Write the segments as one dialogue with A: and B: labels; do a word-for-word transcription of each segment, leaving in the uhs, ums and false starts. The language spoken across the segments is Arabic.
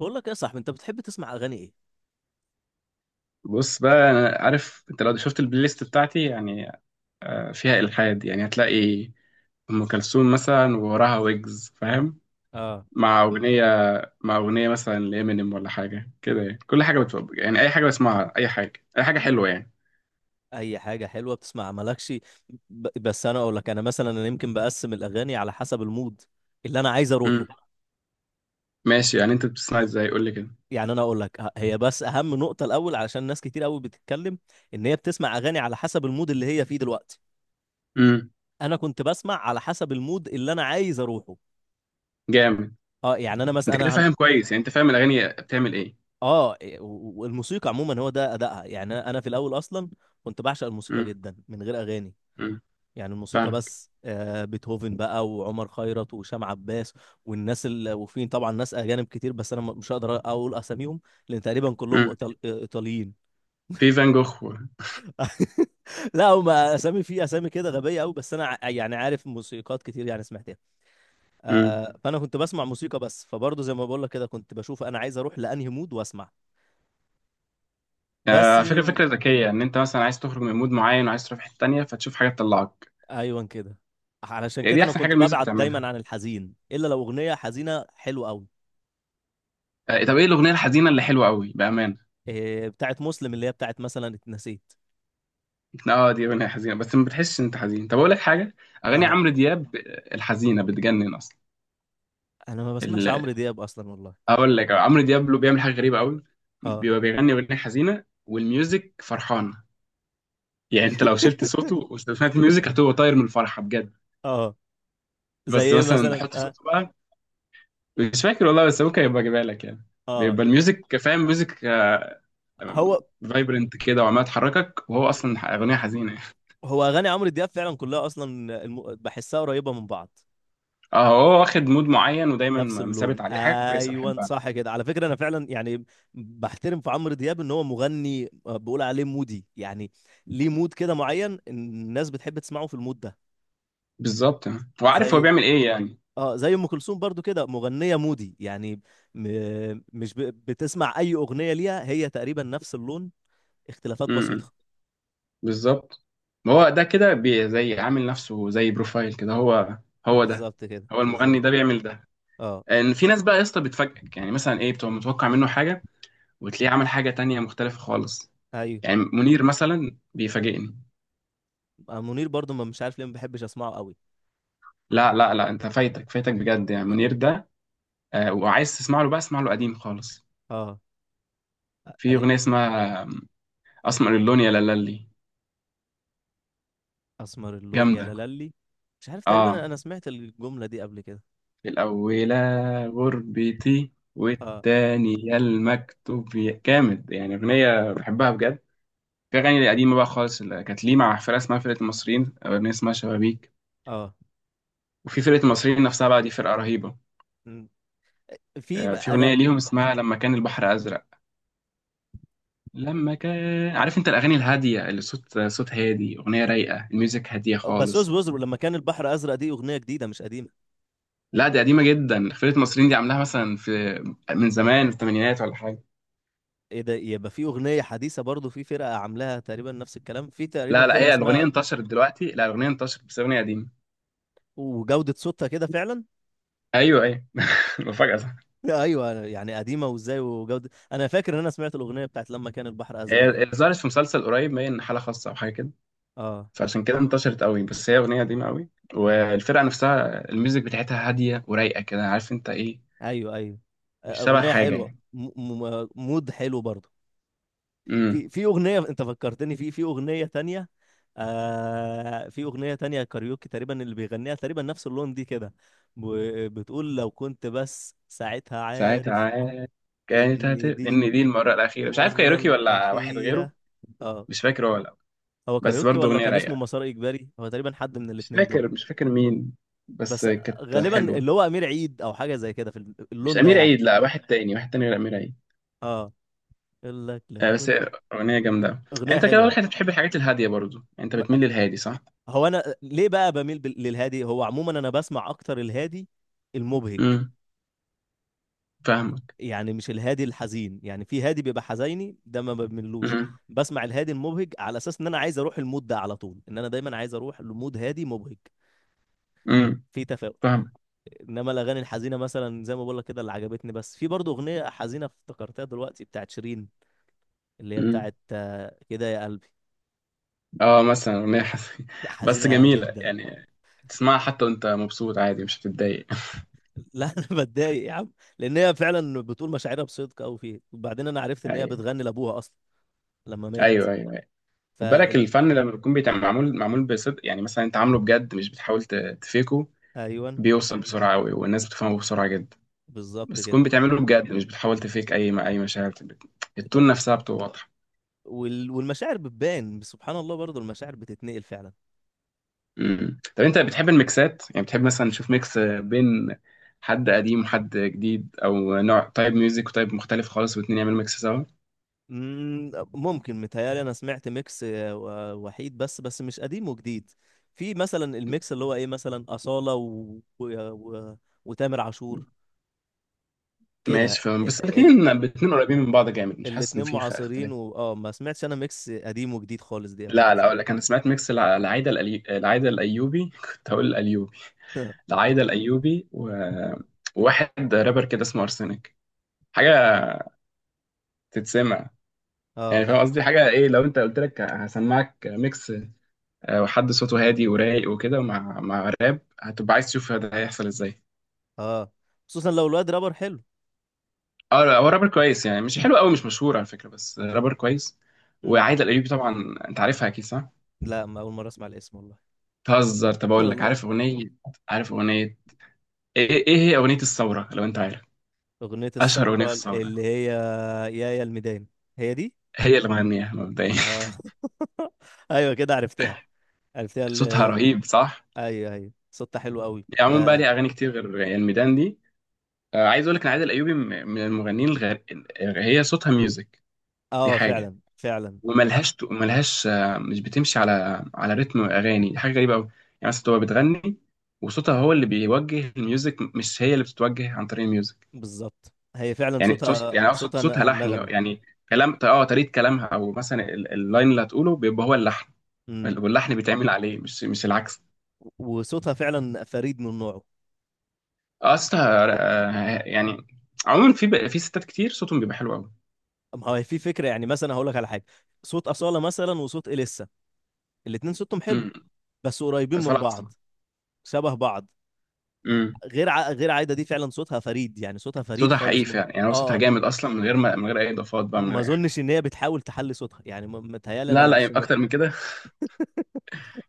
A: بقول لك إيه يا صاحبي؟ انت بتحب تسمع اغاني ايه؟
B: بص بقى، انا عارف انت لو شفت البلاي ليست بتاعتي يعني. آه، فيها الحاد يعني، هتلاقي ام كلثوم مثلا، ووراها ويجز، فاهم؟
A: اه،
B: مع اغنيه مع اغنيه مثلا لامينيم، ولا حاجه كده يعني. كل حاجه بتفق، يعني اي حاجه بسمعها، اي حاجه، اي حاجه حلوه يعني.
A: اي حاجه حلوه بتسمع مالكش. ب... بس انا اقول لك، انا مثلا انا يمكن بقسم الاغاني على حسب المود اللي انا عايز اروحه.
B: امم ماشي، يعني انت بتسمع ازاي؟ قول لي كده.
A: يعني انا اقول لك ه- هي بس اهم نقطه الاول، علشان ناس كتير قوي بتتكلم ان هي بتسمع اغاني على حسب المود اللي هي فيه دلوقتي.
B: امم
A: انا كنت بسمع على حسب المود اللي انا عايز اروحه.
B: جامد.
A: اه يعني انا
B: انت
A: مثلا
B: كده
A: انا هن...
B: فاهم كويس، يعني انت فاهم الاغاني بتعمل ايه.
A: اه إيه، و- و- والموسيقى عموما هو ده ادائها. يعني انا أنا في الاول اصلا كنت بعشق الموسيقى
B: امم
A: جدا من غير اغاني.
B: امم
A: يعني الموسيقى
B: فاهمك.
A: بس، آه، بيتهوفن بقى وعمر خيرت وهشام عباس والناس ال... وفي طبعا ناس اجانب كتير، بس انا م- مش هقدر اقول اساميهم، لان تقريبا كلهم
B: امم
A: إيطال... ايطاليين.
B: في فان جوخ و-
A: لا، هم اسامي، في اسامي كده غبيه قوي، بس انا ع- يعني عارف موسيقات كتير يعني سمعتها.
B: امم
A: آه، فانا كنت بسمع موسيقى بس، فبرضه زي ما بقول لك كده، كنت بشوف انا عايز اروح لانهي مود واسمع. بس.
B: آه، فكرة فكرة ذكية، إن أنت مثلا عايز تخرج من مود معين، وعايز تروح في حتة تانية، فتشوف حاجة تطلعك.
A: ايوه كده. علشان
B: يعني
A: كده
B: دي
A: انا
B: احسن حاجه
A: كنت
B: الميوزك
A: ببعد
B: بتعملها.
A: دايما عن الحزين، الا لو اغنيه حزينه حلوه قوي.
B: آه، طب ايه الاغنيه الحزينه اللي حلوه قوي؟ بامانه.
A: إيه، بتاعت مسلم، اللي هي بتاعت مثلا اتنسيت.
B: اه، دي اغنيه حزينه، بس ما بتحسش ان انت حزين. طب اقول لك حاجه، اغاني
A: اه.
B: عمرو دياب آه، الحزينه بتجنن اصلا.
A: انا ما بسمعش
B: ال-
A: عمرو دياب اصلا والله.
B: اقول لك، آه، عمرو دياب له بيعمل حاجه غريبه قوي.
A: اه.
B: بيبقى بيغني اغنيه حزينه والميوزك فرحانه. يعني انت لو شلت صوته وسمعت الميوزك، هتبقى طاير من الفرحه بجد.
A: اه، زي
B: بس
A: ايه
B: مثلا
A: مثلا؟
B: حط
A: اه.
B: صوته بقى. مش فاكر والله، بس ممكن يبقى اجيبها لك يعني.
A: اه.
B: بيبقى الميوزك فاهم، ميوزك
A: هو.
B: فايبرنت كده، وعمال تحركك، وهو اصلا
A: مم.
B: اغنيه حزينه.
A: هو اغاني عمرو دياب فعلا كلها اصلا الم... بحسها قريبه من بعض.
B: اهو، واخد مود معين،
A: نفس
B: ودايما مثابت
A: اللون،
B: عليه، حاجه كويسه
A: ايوه
B: بحبها.
A: صح كده. على فكره انا فعلا يعني بحترم في عمرو دياب ان هو مغني، آه، بقول عليه مودي يعني. ليه مود كده معين الناس بتحب تسمعه في المود ده.
B: بالظبط، هو عارف هو
A: زي،
B: بيعمل ايه يعني.
A: اه، زي ام كلثوم برضو كده مغنيه مودي يعني. م... مش ب... بتسمع اي اغنيه ليها هي تقريبا نفس اللون، اختلافات
B: امم
A: بسيطة.
B: بالظبط. ما هو ده كده بي- زي عامل نفسه زي بروفايل كده، هو هو ده
A: بالظبط كده،
B: هو
A: بالظبط.
B: المغني ده بيعمل ده.
A: اه.
B: ان في ناس بقى يا اسطى بتفاجئك، يعني مثلا ايه، بتبقى متوقع منه حاجه، وتلاقيه عمل حاجه تانية مختلفه خالص.
A: ايوه.
B: يعني منير مثلا بيفاجئني.
A: آه، منير برضو ما مش عارف ليه ما بحبش اسمعه قوي.
B: لا لا لا، انت فايتك فايتك بجد يعني. منير ده، آه، وعايز تسمع له بقى، اسمع له قديم خالص.
A: اه.
B: في
A: قديم.
B: اغنيه اسمها آه، اسمر اللون يا لالي.
A: اسمر اللون يا
B: جامده.
A: لالي. مش عارف، تقريبا انا
B: اه،
A: أنا سمعت الجملة دي قبل كده.
B: الأولى غربتي،
A: اه.
B: والتانية المكتب، يا- جامد يعني، أغنية بحبها بجد. في أغاني قديمة بقى خالص، اللي كانت ليه مع فرقة اسمها فرقة المصريين، أو أغنية اسمها شبابيك.
A: اه.
B: وفي فرقة المصريين نفسها بقى، دي فرقة رهيبة.
A: م. في
B: آه،
A: بقى-
B: في
A: انا.
B: أغنية ليهم اسمها لما كان البحر أزرق. لما كان، عارف أنت الأغاني الهادية اللي صوت صوت هادي، أغنية رايقة، الميوزك هادية
A: بسوس
B: خالص.
A: بوزر، لما كان البحر ازرق دي اغنية جديدة مش قديمة.
B: لا، دي قديمة جدا. فرقة المصريين دي عاملاها مثلا في، من زمان، في الثمانينات ولا حاجة.
A: ايه ده؟ يبقى في اغنية حديثة برضو، في فرقة عاملاها تقريبا نفس الكلام، في تقريبا
B: لا لا،
A: فرقة
B: هي الأغنية
A: اسمها.
B: انتشرت دلوقتي، لا الأغنية انتشرت بس أغنية قديمة.
A: وجودة صوتها كده فعلا.
B: أيوه أيوه. مفاجأة، صح؟
A: ايوه، يعني قديمة وازاي وجودة. انا فاكر ان انا سمعت الاغنية بتاعت لما كان البحر ازرق
B: هي
A: دي.
B: هي ظهرت في مسلسل قريب باين، حالة خاصة أو حاجة كده.
A: اه.
B: فعشان كده انتشرت قوي، بس هي أغنية قديمة قوي. والفرقة نفسها الميوزك بتاعتها هادية ورايقة كده، عارف أنت إيه.
A: ايوه ايوه،
B: مش شبه
A: اغنيه
B: حاجة
A: حلوه،
B: يعني.
A: م- م- مود حلو برضه.
B: امم
A: في في اغنيه، انت فكرتني في في اغنيه تانية. آه، في اغنيه تانية كاريوكي تقريبا اللي بيغنيها، تقريبا نفس اللون دي كده. ب- بتقول لو كنت بس ساعتها
B: ساعتها
A: عارف
B: عاد، كانت هت،
A: ان دي
B: إن دي المرة الأخيرة، مش عارف
A: المره
B: كايروكي ولا واحد
A: الاخيره.
B: غيره.
A: اه.
B: مش فاكر هو ولا لأ.
A: هو
B: بس
A: كاريوكي
B: برضه
A: ولا
B: أغنية
A: كان اسمه
B: رايقة.
A: مسار اجباري، هو تقريبا حد من
B: مش
A: الاتنين دول.
B: فاكر مش فاكر مين، بس
A: بس
B: كانت
A: غالبا
B: حلوة.
A: اللي هو امير عيد او حاجه زي كده في
B: مش
A: اللون ده
B: أمير
A: يعني.
B: عيد، لا، واحد تاني، واحد تاني غير أمير عيد.
A: اه. يقول لك لو
B: آه، بس
A: كنت.
B: هي أغنية جامدة يعني.
A: اغنيه
B: أنت كده
A: حلوه.
B: واضح، أنت بتحب الحاجات الهادية برضو، يعني أنت بتميل للهادي، صح؟
A: هو انا ليه بقى بميل بال- للهادي؟ هو عموما انا بسمع اكتر الهادي المبهج.
B: امم فاهمك.
A: يعني مش الهادي الحزين، يعني في هادي بيبقى حزيني ده ما بملوش.
B: امم
A: بسمع الهادي المبهج على اساس ان انا عايز اروح المود ده على طول، ان انا دايما عايز اروح لمود هادي مبهج،
B: امم
A: في تفاؤل.
B: فاهمك.
A: انما الاغاني الحزينه مثلا زي ما بقول لك كده، اللي عجبتني، بس في برضه اغنيه حزينه افتكرتها دلوقتي بتاعت شيرين، اللي هي
B: امم
A: بتاعت، آه، كده يا قلبي.
B: اه، مثلا أغنية حس...
A: دي
B: بس
A: حزينه
B: جميلة
A: جدا.
B: يعني. تسمعها حتى وأنت مبسوط، عادي مش هتتضايق.
A: لا انا بتضايق يا عم، لان هي فعلا بتقول مشاعرها بصدق قوي فيه. وبعدين انا عرفت ان هي
B: ايوه
A: بتغني لابوها اصلا لما مات.
B: ايوه ايوه أيوة. خد بالك،
A: فال.
B: الفن لما بيكون بيتعمل معمول معمول بصدق، يعني مثلا انت عامله بجد، مش بتحاول ت- تفيكه،
A: ايوه.
B: بيوصل بسرعه قوي، والناس بتفهمه بسرعه جدا.
A: بالظبط
B: بس
A: كده.
B: تكون بتعمله بجد، مش بتحاول تفيك اي اي مشاعر بت- التون نفسها بتبقى واضحه.
A: وال... والمشاعر بتبان، سبحان الله، برضو المشاعر بتتنقل فعلا.
B: مم. طب انت بتحب الميكسات؟ يعني بتحب مثلا تشوف ميكس بين حد قديم وحد جديد، او نوع تايب ميوزك وتايب مختلف خالص، والاتنين يعملوا ميكس سوا.
A: مم، ممكن. متهيألي انا سمعت ميكس، آه، و- وحيد، بس بس مش قديم وجديد. في مثلا الميكس اللي هو ايه، مثلا أصالة و... و... و... وتامر عاشور كده
B: ماشي، فاهم.
A: ال...
B: بس
A: ال...
B: الاتنين الاتنين قريبين من بعض جامد، مش حاسس ان
A: الاتنين
B: في خ-
A: معاصرين
B: اختلاف.
A: و... اه ما سمعتش انا ميكس قديم وجديد خالص دي قبل
B: لا
A: كده.
B: لا، اقول لك، انا سمعت ميكس الع- العايده الألي... العايده الايوبي. كنت هقول الايوبي. العايده الايوبي و... وواحد رابر كده اسمه ارسنك، حاجه تتسمع. يعني
A: اه.
B: فاهم قصدي، حاجه ايه لو انت قلت لك هسمعك ميكس، آه، وحد صوته هادي ورايق وكده، مع مع راب، هتبقى عايز تشوف ده هيحصل ازاي.
A: اه، خصوصا لو الواد رابر حلو.
B: اه، لا، هو رابر كويس يعني، مش حلو قوي، مش مشهور على فكره، بس رابر كويس.
A: امم.
B: وعايده الايوبي طبعا انت عارفها اكيد، صح؟
A: لا، ما اول مره اسمع الاسم والله.
B: تهزر؟ طب اقول لك،
A: والله.
B: عارف اغنيه عارف اغنيه، ايه ايه هي اغنيه الثوره لو انت عارف.
A: اغنيه
B: اشهر اغنيه
A: الثوره
B: في الثوره،
A: اللي هي يا يا الميدان. هي دي.
B: هي اللي مغنيها مبدئيا.
A: اه. ايوه كده، عرفتها. عرفتها
B: صوتها
A: ال...
B: رهيب، صح؟
A: ايوه ايوه، صوتها حلو قوي،
B: يعني عموما بقى
A: اه.
B: ليها اغاني كتير غير يعني الميدان دي. آه، عايز اقول لك ان عايده الايوبي م- من المغنيين الغير. هي صوتها ميوزك، دي
A: اه،
B: حاجه.
A: فعلا فعلا.
B: وملهاش ملهاش آه، مش بتمشي على على رتم اغاني، دي حاجه غريبه قوي. يعني مثلا تبقى بتغني، وصوتها هو اللي بيوجه الميوزك، مش هي اللي بتتوجه عن طريق الميوزك.
A: بالظبط. هي فعلا
B: يعني تص...
A: صوتها،
B: يعني اقصد
A: صوتها
B: صوتها
A: ن-
B: لحني
A: نغمي.
B: يعني. كلام، اه طريقه كلامها، او مثلا ال- اللاين اللي هتقوله بيبقى هو اللحن،
A: امم.
B: واللحن بيتعمل عليه، مش مش العكس.
A: وصوتها فعلا فريد من نوعه.
B: اصلها آه، يعني، عموما في ب- في ستات كتير صوتهم بيبقى حلو قوي.
A: ما هو في فكره، يعني مثلا هقول لك على حاجه، صوت اصاله مثلا وصوت اليسا، الاتنين صوتهم حلو،
B: امم
A: بس قريبين
B: بس
A: من
B: ولا
A: بعض،
B: احسن.
A: شبه بعض.
B: امم
A: غير ع... غير عايده دي فعلا صوتها فريد، يعني صوتها فريد
B: صوتها حقيقي
A: خالص من.
B: فعلا، يعني هو صوتها
A: اه.
B: جامد اصلا، من غير ما من غير اي اضافات بقى، من
A: ما
B: غير اي حاجه.
A: اظنش ان هي بتحاول تحلي صوتها، يعني م- متهيالي انا
B: لا
A: لو
B: لا، يبقى
A: سمعت.
B: اكتر من كده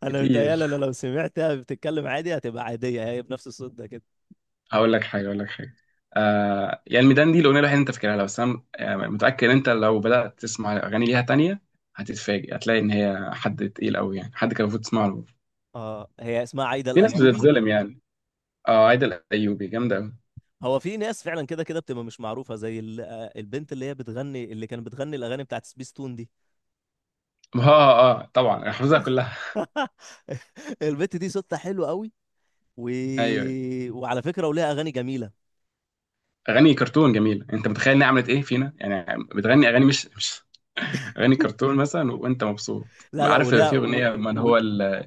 A: انا متهيالي
B: كتير.
A: انا لو سمعتها بتتكلم عادي هتبقى عاديه هي بنفس الصوت ده كده.
B: اقول لك حاجه، اقول لك حاجه، آه يعني الميدان دي الاغنيه الوحيده اللي انت فاكرها لها، بس انا آه، متاكد ان انت لو بدات تسمع اغاني ليها تانية، هتتفاجئ، هتلاقي ان هي حد تقيل قوي يعني، حد كان المفروض تسمع له.
A: اه، هي اسمها عايده
B: في ناس والله
A: الايوبي.
B: بتتظلم يعني. اه، عايده الايوبي جامده قوي.
A: هو في ناس فعلا كده كده بتبقى مش معروفه زي ال... آه، البنت اللي هي بتغني، اللي كانت بتغني الاغاني بتاعت سبيس تون دي.
B: اه اه، آه، طبعا انا حافظها كلها.
A: البنت دي صوتها حلو قوي. و...
B: ايوه ايوه،
A: وعلى فكره وليها اغاني جميله.
B: اغاني كرتون جميله. انت متخيل انها عملت ايه فينا يعني، بتغني اغاني مش، مش اغاني كرتون مثلا وانت مبسوط.
A: لا لا،
B: عارف
A: وليها
B: في
A: و...
B: اغنيه من
A: و...
B: هو ال-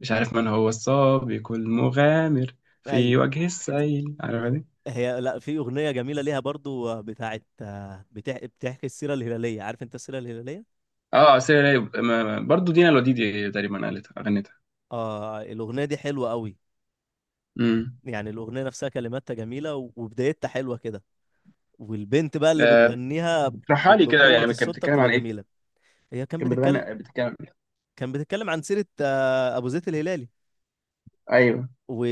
B: مش عارف، من هو السابق المغامر،
A: أي...
B: في وجه السيل، عارفها دي.
A: هي، لا، في اغنيه جميله ليها برضو، آه، بتاعت، آه، بتح... بتحكي السيره الهلاليه، عارف انت السيره الهلاليه؟
B: اه، سير رايب، ما- ما- برضو دينا الوديدي تقريبا قالتها، غنتها.
A: اه الاغنيه دي حلوه قوي.
B: امم
A: يعني الاغنيه نفسها كلماتها جميله، و- وبدايتها حلوه كده، والبنت بقى اللي
B: آه،
A: بتغنيها ب...
B: اشرحها لي كده،
A: بقوه
B: يعني كانت
A: الصوت
B: بتتكلم
A: بتبقى
B: عن ايه؟
A: جميله. هي كان
B: كانت بتغني،
A: بتتكلم.
B: بتتكلم.
A: كان بتتكلم عن سيره، آه، ابو زيد الهلالي
B: ايوه.
A: و...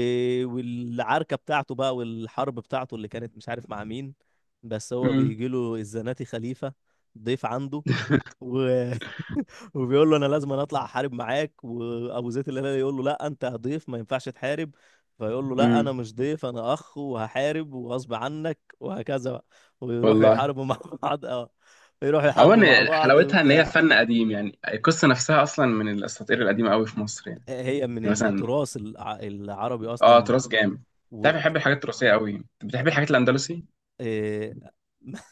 A: والعركه بتاعته بقى، والحرب بتاعته اللي كانت مش عارف مع مين، بس هو
B: امم
A: بيجي له الزناتي خليفه ضيف عنده و... وبيقول له انا لازم أنا اطلع احارب معاك، وابو زيد الهلالي يقول له لا انت ضيف ما ينفعش تحارب. فيقول له لا، انا
B: امم
A: مش ضيف انا اخ، وهحارب وغصب عنك وهكذا بقى، ويروحوا
B: والله.
A: يحاربوا مع بعض. اه، يروحوا يحاربوا مع
B: عموما
A: بعض
B: حلاوتها ان هي
A: وبتاع.
B: فن قديم، يعني القصه نفسها اصلا من الاساطير القديمه قوي في مصر يعني.
A: هي من
B: يعني مثلا،
A: التراث الع- العربي
B: اه
A: اصلا.
B: تراث جامد.
A: و...
B: تعرف، بحب الحاجات التراثيه قوي، بتحب الحاجات الاندلسي.
A: إيه...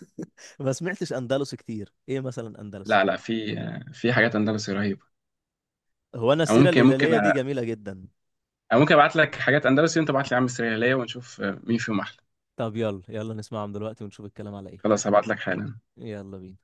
A: ما سمعتش اندلسي كتير، ايه مثلا اندلسي؟
B: لا لا، في آه، في حاجات اندلسي رهيبه.
A: هو انا
B: أو
A: السيره
B: ممكن ممكن،
A: الهلاليه دي جميله جدا.
B: انا ممكن ابعت لك حاجات اندلسي وانت ابعت لي يا عم السرياليه، ونشوف آه، مين فيهم احلى.
A: طب يلا، يلا نسمعهم دلوقتي ونشوف الكلام على ايه.
B: خلاص، هبعت لك حالا.
A: يلا بينا.